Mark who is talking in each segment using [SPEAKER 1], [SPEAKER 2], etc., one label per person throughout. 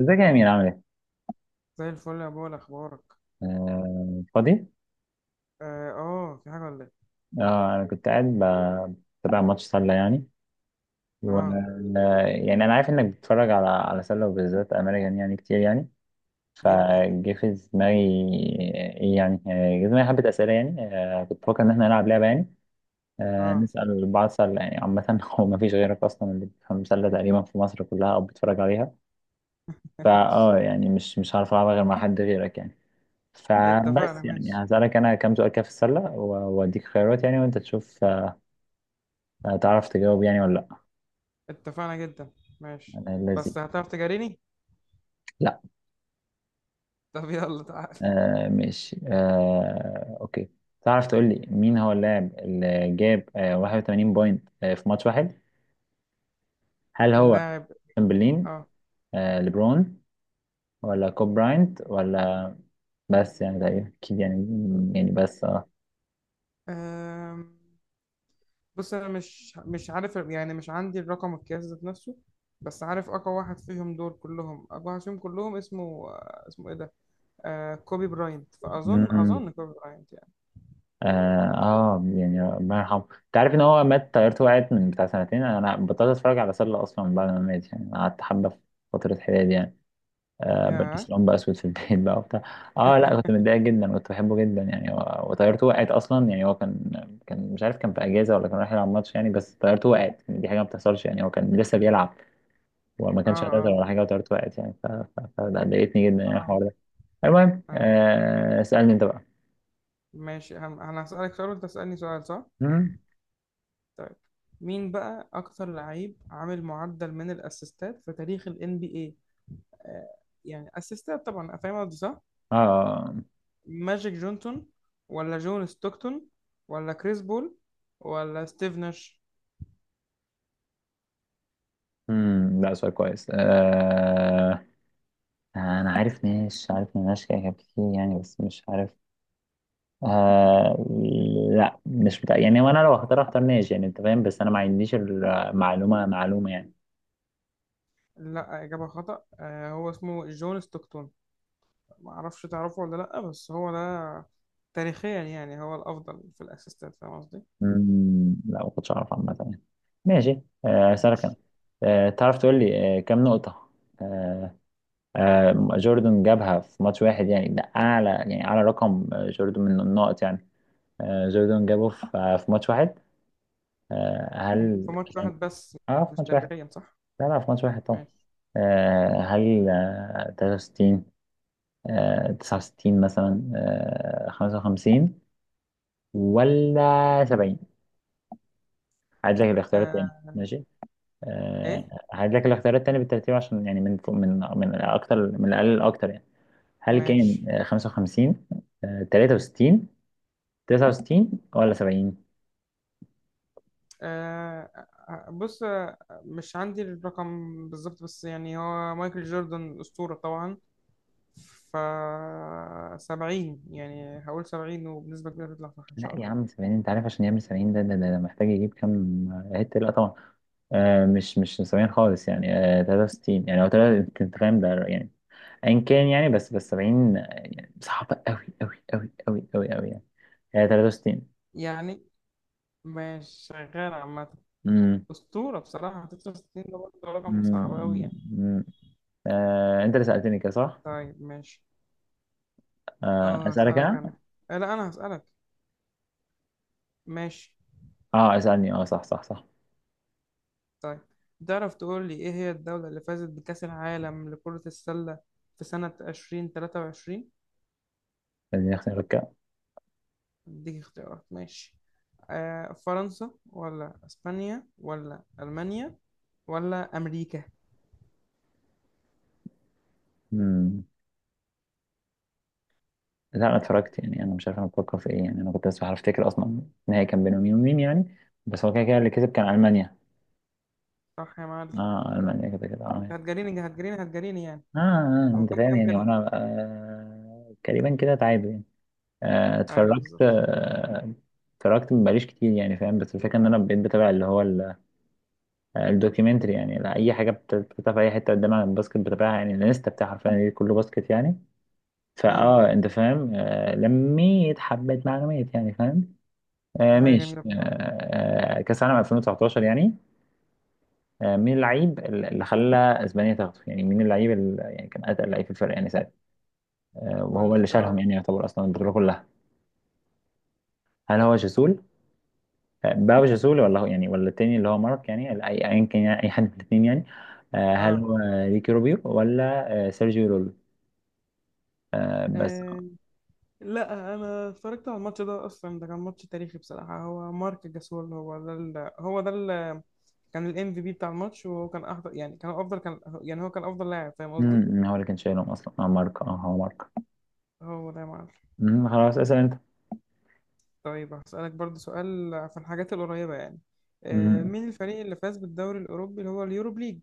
[SPEAKER 1] ازيك يا أمير، عامل ايه؟
[SPEAKER 2] زي الفل يا بول، اخبارك؟
[SPEAKER 1] فاضي؟
[SPEAKER 2] اه، في حاجه ولا ايه؟
[SPEAKER 1] اه أنا كنت قاعد بتابع ماتش سلة يعني. و
[SPEAKER 2] اه.
[SPEAKER 1] آه، يعني أنا عارف إنك بتتفرج على سلة وبالذات أمريكان يعني، كتير يعني.
[SPEAKER 2] جدا.
[SPEAKER 1] فجه في دماغي. إيه يعني؟ جه في دماغي حبة أسئلة يعني. كنت بفكر إن إحنا نلعب لعبة يعني،
[SPEAKER 2] اه.
[SPEAKER 1] نسأل بعض سلة يعني عامة. هو مفيش غيرك أصلا اللي بيفهم سلة تقريبا في مصر كلها أو بتتفرج عليها. يعني مش هعرف ألعبها غير مع حد غيرك يعني.
[SPEAKER 2] اتفقنا، ماشي.
[SPEAKER 1] يعني هسألك أنا كام سؤال كده في السلة وأديك خيارات يعني، وأنت تشوف. هتعرف تجاوب يعني ولا لأ؟
[SPEAKER 2] اتفقنا جدا. ماشي.
[SPEAKER 1] أنا الذي
[SPEAKER 2] بس هتعرف تجاريني؟
[SPEAKER 1] لأ.
[SPEAKER 2] طب يلا تعال.
[SPEAKER 1] ماشي، أوكي. تعرف تقول لي مين هو اللاعب اللي جاب 81 بوينت في ماتش واحد؟ هل هو
[SPEAKER 2] لاعب.
[SPEAKER 1] تشامبرلين،
[SPEAKER 2] اه.
[SPEAKER 1] ليبرون، ولا كوب براينت، ولا؟ بس يعني تقريبا أكيد يعني. يعني بس
[SPEAKER 2] آم، بص انا مش عارف، يعني مش عندي الرقم القياسي ذات نفسه. بس عارف اقوى واحد فيهم دول كلهم اقوى واحد فيهم كلهم اسمه، اسمه ايه ده؟ كوبي براينت، فاظن
[SPEAKER 1] مم.
[SPEAKER 2] اظن كوبي براينت يعني.
[SPEAKER 1] اه. يعني ربنا يرحمه، انت عارف ان هو مات، طيارته وقعت من بتاع سنتين. انا بطلت اتفرج على سله اصلا بعد ما مات يعني، قعدت حبه في فتره حياتي يعني.
[SPEAKER 2] يا
[SPEAKER 1] بلبس لون بقى اسود في البيت بقى وبتاع. اه، لا كنت متضايق جدا، كنت بحبه جدا يعني. وطيارته وقعت اصلا يعني. هو كان، كان مش عارف كان في اجازه ولا كان رايح يلعب ماتش يعني، بس طيارته وقعت يعني. دي حاجه ما بتحصلش يعني، هو كان لسه بيلعب وما
[SPEAKER 2] اه
[SPEAKER 1] كانش هتقدر
[SPEAKER 2] اه.
[SPEAKER 1] ولا حاجه، وطيارته وقعت يعني. فده ضايقتني جدا يعني
[SPEAKER 2] حرام.
[SPEAKER 1] الحوار ده. المهم
[SPEAKER 2] آه.
[SPEAKER 1] اسالني انت بقى.
[SPEAKER 2] ماشي. انا هسألك سؤال وانت تسألني سؤال، صح؟
[SPEAKER 1] مم.
[SPEAKER 2] طيب. مين بقى اكتر لعيب عامل معدل من الاسيستات في تاريخ ال NBA؟ آه يعني اسيستات طبعا، فاهم قصدي صح؟
[SPEAKER 1] اه.
[SPEAKER 2] ماجيك جونسون، ولا جون ستوكتون، ولا كريس بول، ولا ستيف ناش؟
[SPEAKER 1] امم، لا سؤال كويس. انا عارف ناس، عارف ناس كده كتير يعني بس مش عارف. آه لا، مش بتاع يعني. وانا لو هختار اختار ناس يعني، انت فاهم، بس انا ما عنديش المعلومه، معلومه يعني.
[SPEAKER 2] لا، إجابة خطأ. هو اسمه جون ستوكتون. معرفش تعرفه ولا لا، بس هو ده تاريخيا. يعني هو الأفضل في الاسيستات، فاهم قصدي؟
[SPEAKER 1] امم، لا ما كنتش اعرف عامه يعني. ماشي، اسالك
[SPEAKER 2] ماشي.
[SPEAKER 1] انا. تعرف تقول لي كام نقطه آه جوردن جابها في ماتش واحد يعني، ده اعلى يعني اعلى رقم جوردن من النقط يعني. جوردن جابه في في ماتش واحد. هل
[SPEAKER 2] في ماتش
[SPEAKER 1] كان
[SPEAKER 2] واحد بس.
[SPEAKER 1] ألعب في
[SPEAKER 2] مش
[SPEAKER 1] ماتش واحد؟
[SPEAKER 2] تاريخيا، صح؟
[SPEAKER 1] ألعب في ماتش واحد طبعا.
[SPEAKER 2] ماشي.
[SPEAKER 1] هل 63، 69 مثلا، 55، ولا 70؟ هعيد لك الاختيار التاني،
[SPEAKER 2] آه.
[SPEAKER 1] ماشي. آه،
[SPEAKER 2] ايه.
[SPEAKER 1] هعيد لك الاختيار التاني بالترتيب، عشان يعني من من أكتر، من الأقل للأكتر يعني. هل كان
[SPEAKER 2] ماشي.
[SPEAKER 1] 55، 63، 69، ولا 70؟
[SPEAKER 2] آه بص، مش عندي الرقم بالظبط، بس يعني هو مايكل جوردن أسطورة طبعا، ف 70، يعني هقول 70 وبنسبة كبيرة تطلع صح إن
[SPEAKER 1] لا
[SPEAKER 2] شاء
[SPEAKER 1] يا
[SPEAKER 2] الله.
[SPEAKER 1] عم، 70 انت عارف عشان يعمل 70 ده محتاج يجيب كام هيت؟ لا طبعا. مش نسبيا خالص يعني. 63 يعني، هو انت، أنت فاهم ده يعني. ايا كان يعني، بس 70 يعني صعبة قوي يعني. هي 63.
[SPEAKER 2] يعني مش شغال عامة
[SPEAKER 1] امم.
[SPEAKER 2] أسطورة بصراحة. 69 ده برضه رقم
[SPEAKER 1] امم.
[SPEAKER 2] صعب أوي يعني.
[SPEAKER 1] أمم. انت اللي سألتني كده صح؟
[SPEAKER 2] طيب ماشي. اه،
[SPEAKER 1] اسألك
[SPEAKER 2] هسألك أنا.
[SPEAKER 1] انا؟
[SPEAKER 2] لا أنا هسألك. ماشي.
[SPEAKER 1] اه اسألني، اه، صح.
[SPEAKER 2] طيب. تعرف تقول لي إيه هي الدولة اللي فازت بكأس العالم لكرة السلة في سنة 2023؟
[SPEAKER 1] خليني اختار كده.
[SPEAKER 2] اديك اختيارات، ماشي. فرنسا ولا اسبانيا ولا المانيا ولا امريكا؟
[SPEAKER 1] امم، لا انا اتفرجت يعني.
[SPEAKER 2] يعني
[SPEAKER 1] انا مش عارف انا بفكر في ايه يعني. انا كنت بس بعرف افتكر اصلا النهائي كان بين مين ومين يعني. بس هو كده كده اللي كسب كان المانيا.
[SPEAKER 2] صح يا معلم.
[SPEAKER 1] اه، المانيا كده كده،
[SPEAKER 2] انت
[SPEAKER 1] اه.
[SPEAKER 2] هتجريني هتجريني هتجريني يعني. هو
[SPEAKER 1] أنت
[SPEAKER 2] كم
[SPEAKER 1] فاهم
[SPEAKER 2] كم
[SPEAKER 1] يعني،
[SPEAKER 2] كده؟
[SPEAKER 1] وأنا تقريبا كده تعادل يعني.
[SPEAKER 2] ايوه،
[SPEAKER 1] اتفرجت،
[SPEAKER 2] بالظبط.
[SPEAKER 1] اتفرجت مبقاليش كتير يعني، فاهم، بس الفكرة إن أنا بقيت بتابع اللي هو الدوكيومنتري يعني. لا، أي حاجة بتتابع في أي حتة قدام عن الباسكت بتابعها يعني. الانستا بتاعي حرفيا يعني كله باسكت يعني.
[SPEAKER 2] امم.
[SPEAKER 1] أنت فاهم، لميت حبة معلومات يعني، فاهم.
[SPEAKER 2] ده حاجه
[SPEAKER 1] ماشي.
[SPEAKER 2] جميله بصراحه.
[SPEAKER 1] كأس العالم 2019 يعني، مين اللعيب اللي خلى أسبانيا تاخده يعني؟ مين اللعيب اللي يعني كان أتقل لعيب في الفرق يعني،
[SPEAKER 2] قول
[SPEAKER 1] وهو
[SPEAKER 2] لي
[SPEAKER 1] اللي شالهم
[SPEAKER 2] اختيارات.
[SPEAKER 1] يعني، يعتبر اصلا البطوله كلها. هل هو جسول، باو جسول، ولا هو يعني ولا التاني اللي هو مارك يعني، ال- اي ايا كان يعني، اي حد من الاثنين يعني. آه، هل
[SPEAKER 2] آه.
[SPEAKER 1] هو ريكي روبيو، ولا سيرجيو رول؟ آه، بس
[SPEAKER 2] اه، لا انا اتفرجت على الماتش ده اصلا. ده كان ماتش تاريخي بصراحه. هو مارك جاسول. كان الام في بي بتاع الماتش، وهو كان احضر يعني، كان افضل، كان يعني هو كان افضل لاعب، فاهم قصدي؟
[SPEAKER 1] امم، هو اللي كان شايلهم اصلا، اه مارك، اه هو مارك.
[SPEAKER 2] هو ده يا معلم.
[SPEAKER 1] امم، خلاص اسال انت.
[SPEAKER 2] طيب هسألك برضو سؤال في الحاجات القريبة يعني.
[SPEAKER 1] امم.
[SPEAKER 2] مين الفريق اللي فاز بالدوري الأوروبي اللي هو اليورو ليج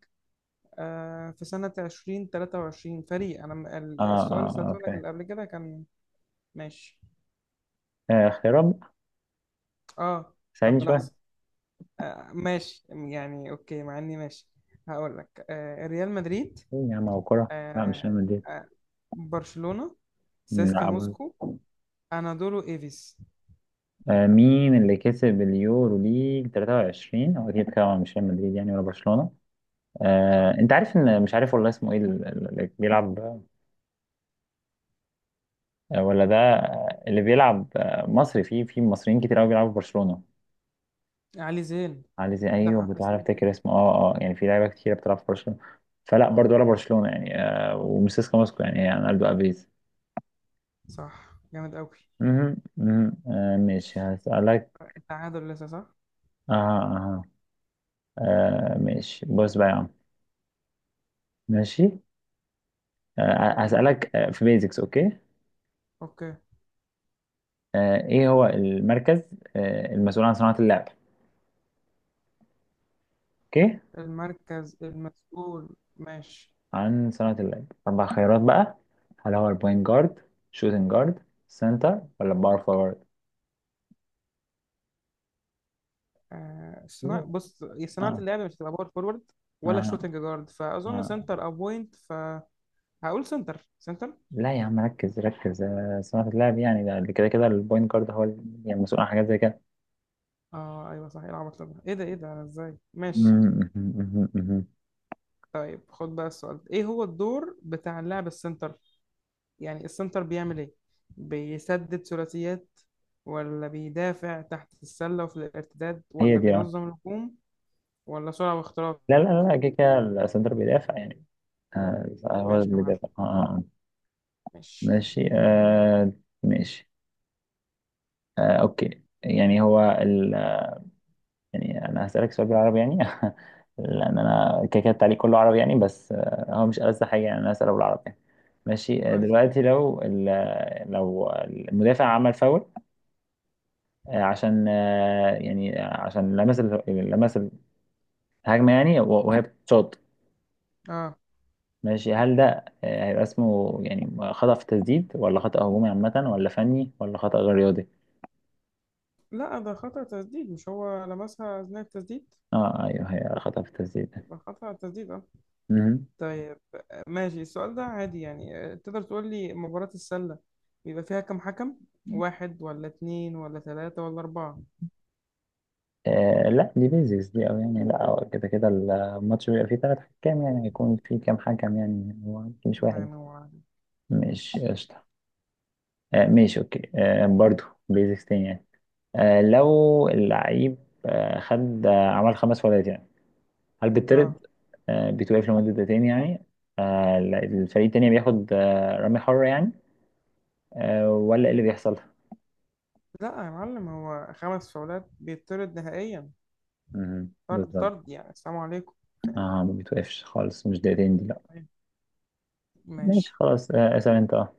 [SPEAKER 2] في سنة 2023؟ فريق
[SPEAKER 1] اه
[SPEAKER 2] السؤال اللي
[SPEAKER 1] اه
[SPEAKER 2] سألته لك
[SPEAKER 1] فاهم.
[SPEAKER 2] اللي قبل كده كان ماشي.
[SPEAKER 1] اختيارات،
[SPEAKER 2] آه. طب
[SPEAKER 1] ساعدني شويه.
[SPEAKER 2] لحظة. ماشي يعني أوكي، مع إني ماشي. هقول لك، ريال مدريد.
[SPEAKER 1] ايه يا عم، هو كوره، لا مش
[SPEAKER 2] آه،
[SPEAKER 1] ريال مدريد.
[SPEAKER 2] آه، برشلونة.
[SPEAKER 1] مم،
[SPEAKER 2] سيسكا
[SPEAKER 1] لا برضه.
[SPEAKER 2] موسكو. أنادولو إيفيس.
[SPEAKER 1] مين اللي كسب اليورو ليج 23؟ هو اكيد طبعا مش ريال مدريد يعني، ولا برشلونه.
[SPEAKER 2] صح.
[SPEAKER 1] انت عارف ان مش عارف والله اسمه ايه اللي بيلعب، ولا ده اللي بيلعب مصري. في مصريين كتير قوي بيلعبوا في برشلونة.
[SPEAKER 2] علي زين.
[SPEAKER 1] علي زي، ايوه
[SPEAKER 2] لا
[SPEAKER 1] كنت
[SPEAKER 2] اسم.
[SPEAKER 1] بعرف افتكر اسمه، اه اه. يعني في لعيبه كتير بتلعب في برشلونة، فلا برضه، ولا برشلونة يعني. ومسيسكا موسكو يعني، يعني الدو ابيز.
[SPEAKER 2] صح، جامد أوي.
[SPEAKER 1] مهم، مهم. ماشي هسألك.
[SPEAKER 2] تعادل لسه، صح؟
[SPEAKER 1] اه اه. آه، ماشي بص بقى يا عم، ماشي.
[SPEAKER 2] قول لي.
[SPEAKER 1] هسألك، في بيزكس، اوكي.
[SPEAKER 2] اوكي.
[SPEAKER 1] ايه هو المركز المسؤول عن صناعة اللعب؟ اوكي.
[SPEAKER 2] المركز المسؤول. ماشي.
[SPEAKER 1] عن صناعة اللعب أربع خيارات بقى. هل هو البوينت جارد، شوتنج جارد، سنتر، ولا باور فورورد؟
[SPEAKER 2] صناعة، بص هي صناعة
[SPEAKER 1] آه.
[SPEAKER 2] اللعب مش هتبقى باور فورورد ولا
[SPEAKER 1] آه.
[SPEAKER 2] شوتنج جارد، فأظن
[SPEAKER 1] آه.
[SPEAKER 2] سنتر أو بوينت، فهقول سنتر.
[SPEAKER 1] لا يا عم، ركز صناعة اللعب يعني ده اللي كده كده البوينت جارد هو يعني مسؤول عن حاجات زي كده.
[SPEAKER 2] اه، ايوه صح. ايه العبط ده؟ ايه ده؟ ايه ده؟ ازاي. ماشي.
[SPEAKER 1] مم، مم، مم، مم.
[SPEAKER 2] طيب خد بقى السؤال ده. ايه هو الدور بتاع اللاعب السنتر؟ يعني السنتر بيعمل ايه؟ بيسدد ثلاثيات، ولا بيدافع تحت السلة وفي الارتداد،
[SPEAKER 1] هي
[SPEAKER 2] ولا
[SPEAKER 1] دي، اه.
[SPEAKER 2] بينظم الهجوم، ولا سرعة واختراق؟
[SPEAKER 1] لا كده كده السنتر بيدافع يعني. آه هو
[SPEAKER 2] ماشي
[SPEAKER 1] اللي
[SPEAKER 2] يا معلم.
[SPEAKER 1] بيدافع
[SPEAKER 2] ماشي.
[SPEAKER 1] ماشي. ماشي. أوكي يعني، هو يعني انا هسألك سؤال بالعربي يعني لان
[SPEAKER 2] آه.
[SPEAKER 1] انا كده كده التعليق كله عربي يعني، بس هو مش ألذ حاجه يعني، انا هسأله بالعربي يعني. ماشي،
[SPEAKER 2] قول.
[SPEAKER 1] دلوقتي لو لو المدافع عمل فاول، عشان يعني عشان لمس لمس الهجمه يعني، وهي بتشوط.
[SPEAKER 2] اه،
[SPEAKER 1] ماشي، هل ده هيبقى اسمه يعني خطأ في التسديد، ولا خطأ هجومي عامة، ولا فني، ولا خطأ غير رياضي؟
[SPEAKER 2] لا ده خطأ تسديد، مش هو لمسها أثناء التسديد؟
[SPEAKER 1] اه ايوه، هي خطأ في التسديد
[SPEAKER 2] يبقى خطأ تسديد اه.
[SPEAKER 1] ده.
[SPEAKER 2] طيب. ماشي السؤال ده عادي يعني. تقدر تقول لي مباراة السلة بيبقى فيها كم حكم؟ واحد ولا اتنين ولا تلاتة ولا أربعة؟
[SPEAKER 1] لا، دي بيزكس دي أوي يعني، لا هو كده كده الماتش بيبقى فيه تلات حكام يعني، هيكون فيه كام حكم يعني هو مش
[SPEAKER 2] الله
[SPEAKER 1] واحد؟
[SPEAKER 2] ينور عليك.
[SPEAKER 1] مش قشطة. ماشي أوكي، برضه بيزكس تاني يعني. لو اللعيب خد عمل خمس فاولات يعني، هل
[SPEAKER 2] اه.
[SPEAKER 1] بيطرد، بيتوقف لمدة دقيقتين يعني، لا، الفريق التاني بياخد رمي حرة يعني، ولا إيه اللي بيحصل؟
[SPEAKER 2] لا يا معلم، هو خمس فاولات بيطرد نهائيا.
[SPEAKER 1] مهم.
[SPEAKER 2] طرد
[SPEAKER 1] بالظبط.
[SPEAKER 2] طرد، يعني السلام عليكم.
[SPEAKER 1] اه ما بتوقفش خالص، مش دقيقتين دي، لا.
[SPEAKER 2] أيوة.
[SPEAKER 1] ماشي
[SPEAKER 2] ماشي.
[SPEAKER 1] خلاص، اسأل انت، اه.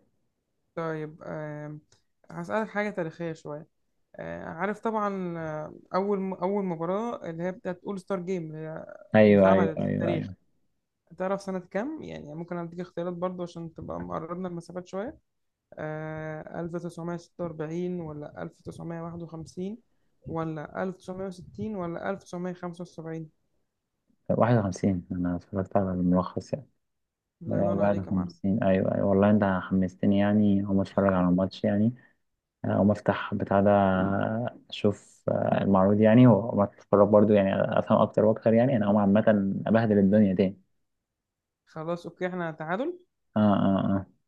[SPEAKER 2] طيب. هسألك حاجة تاريخية شوية. عارف طبعا، اول مباراه اللي هي بتاعت اول ستار جيم، اللي
[SPEAKER 1] ايوه ايوه
[SPEAKER 2] اتعملت في
[SPEAKER 1] ايوه
[SPEAKER 2] التاريخ،
[SPEAKER 1] ايوه
[SPEAKER 2] تعرف سنه كام؟ يعني ممكن اديك اختيارات برضو عشان تبقى مقربنا المسافات شويه. 1946 ولا 1951 ولا 1960 ولا 1975؟
[SPEAKER 1] واحد وخمسين، أنا اتفرجت على الملخص يعني.
[SPEAKER 2] الله ينور
[SPEAKER 1] واحد
[SPEAKER 2] عليك يا معلم.
[SPEAKER 1] وخمسين، أيوة أيوة والله، أنت حمستني يعني أقوم أتفرج على الماتش يعني. أقوم أفتح بتاع ده، أشوف المعروض يعني، وأقوم أتفرج برضو يعني، أفهم أكتر وأكتر يعني. أنا أقوم عامة أبهدل الدنيا تاني.
[SPEAKER 2] خلاص اوكي، احنا تعادل.
[SPEAKER 1] آه.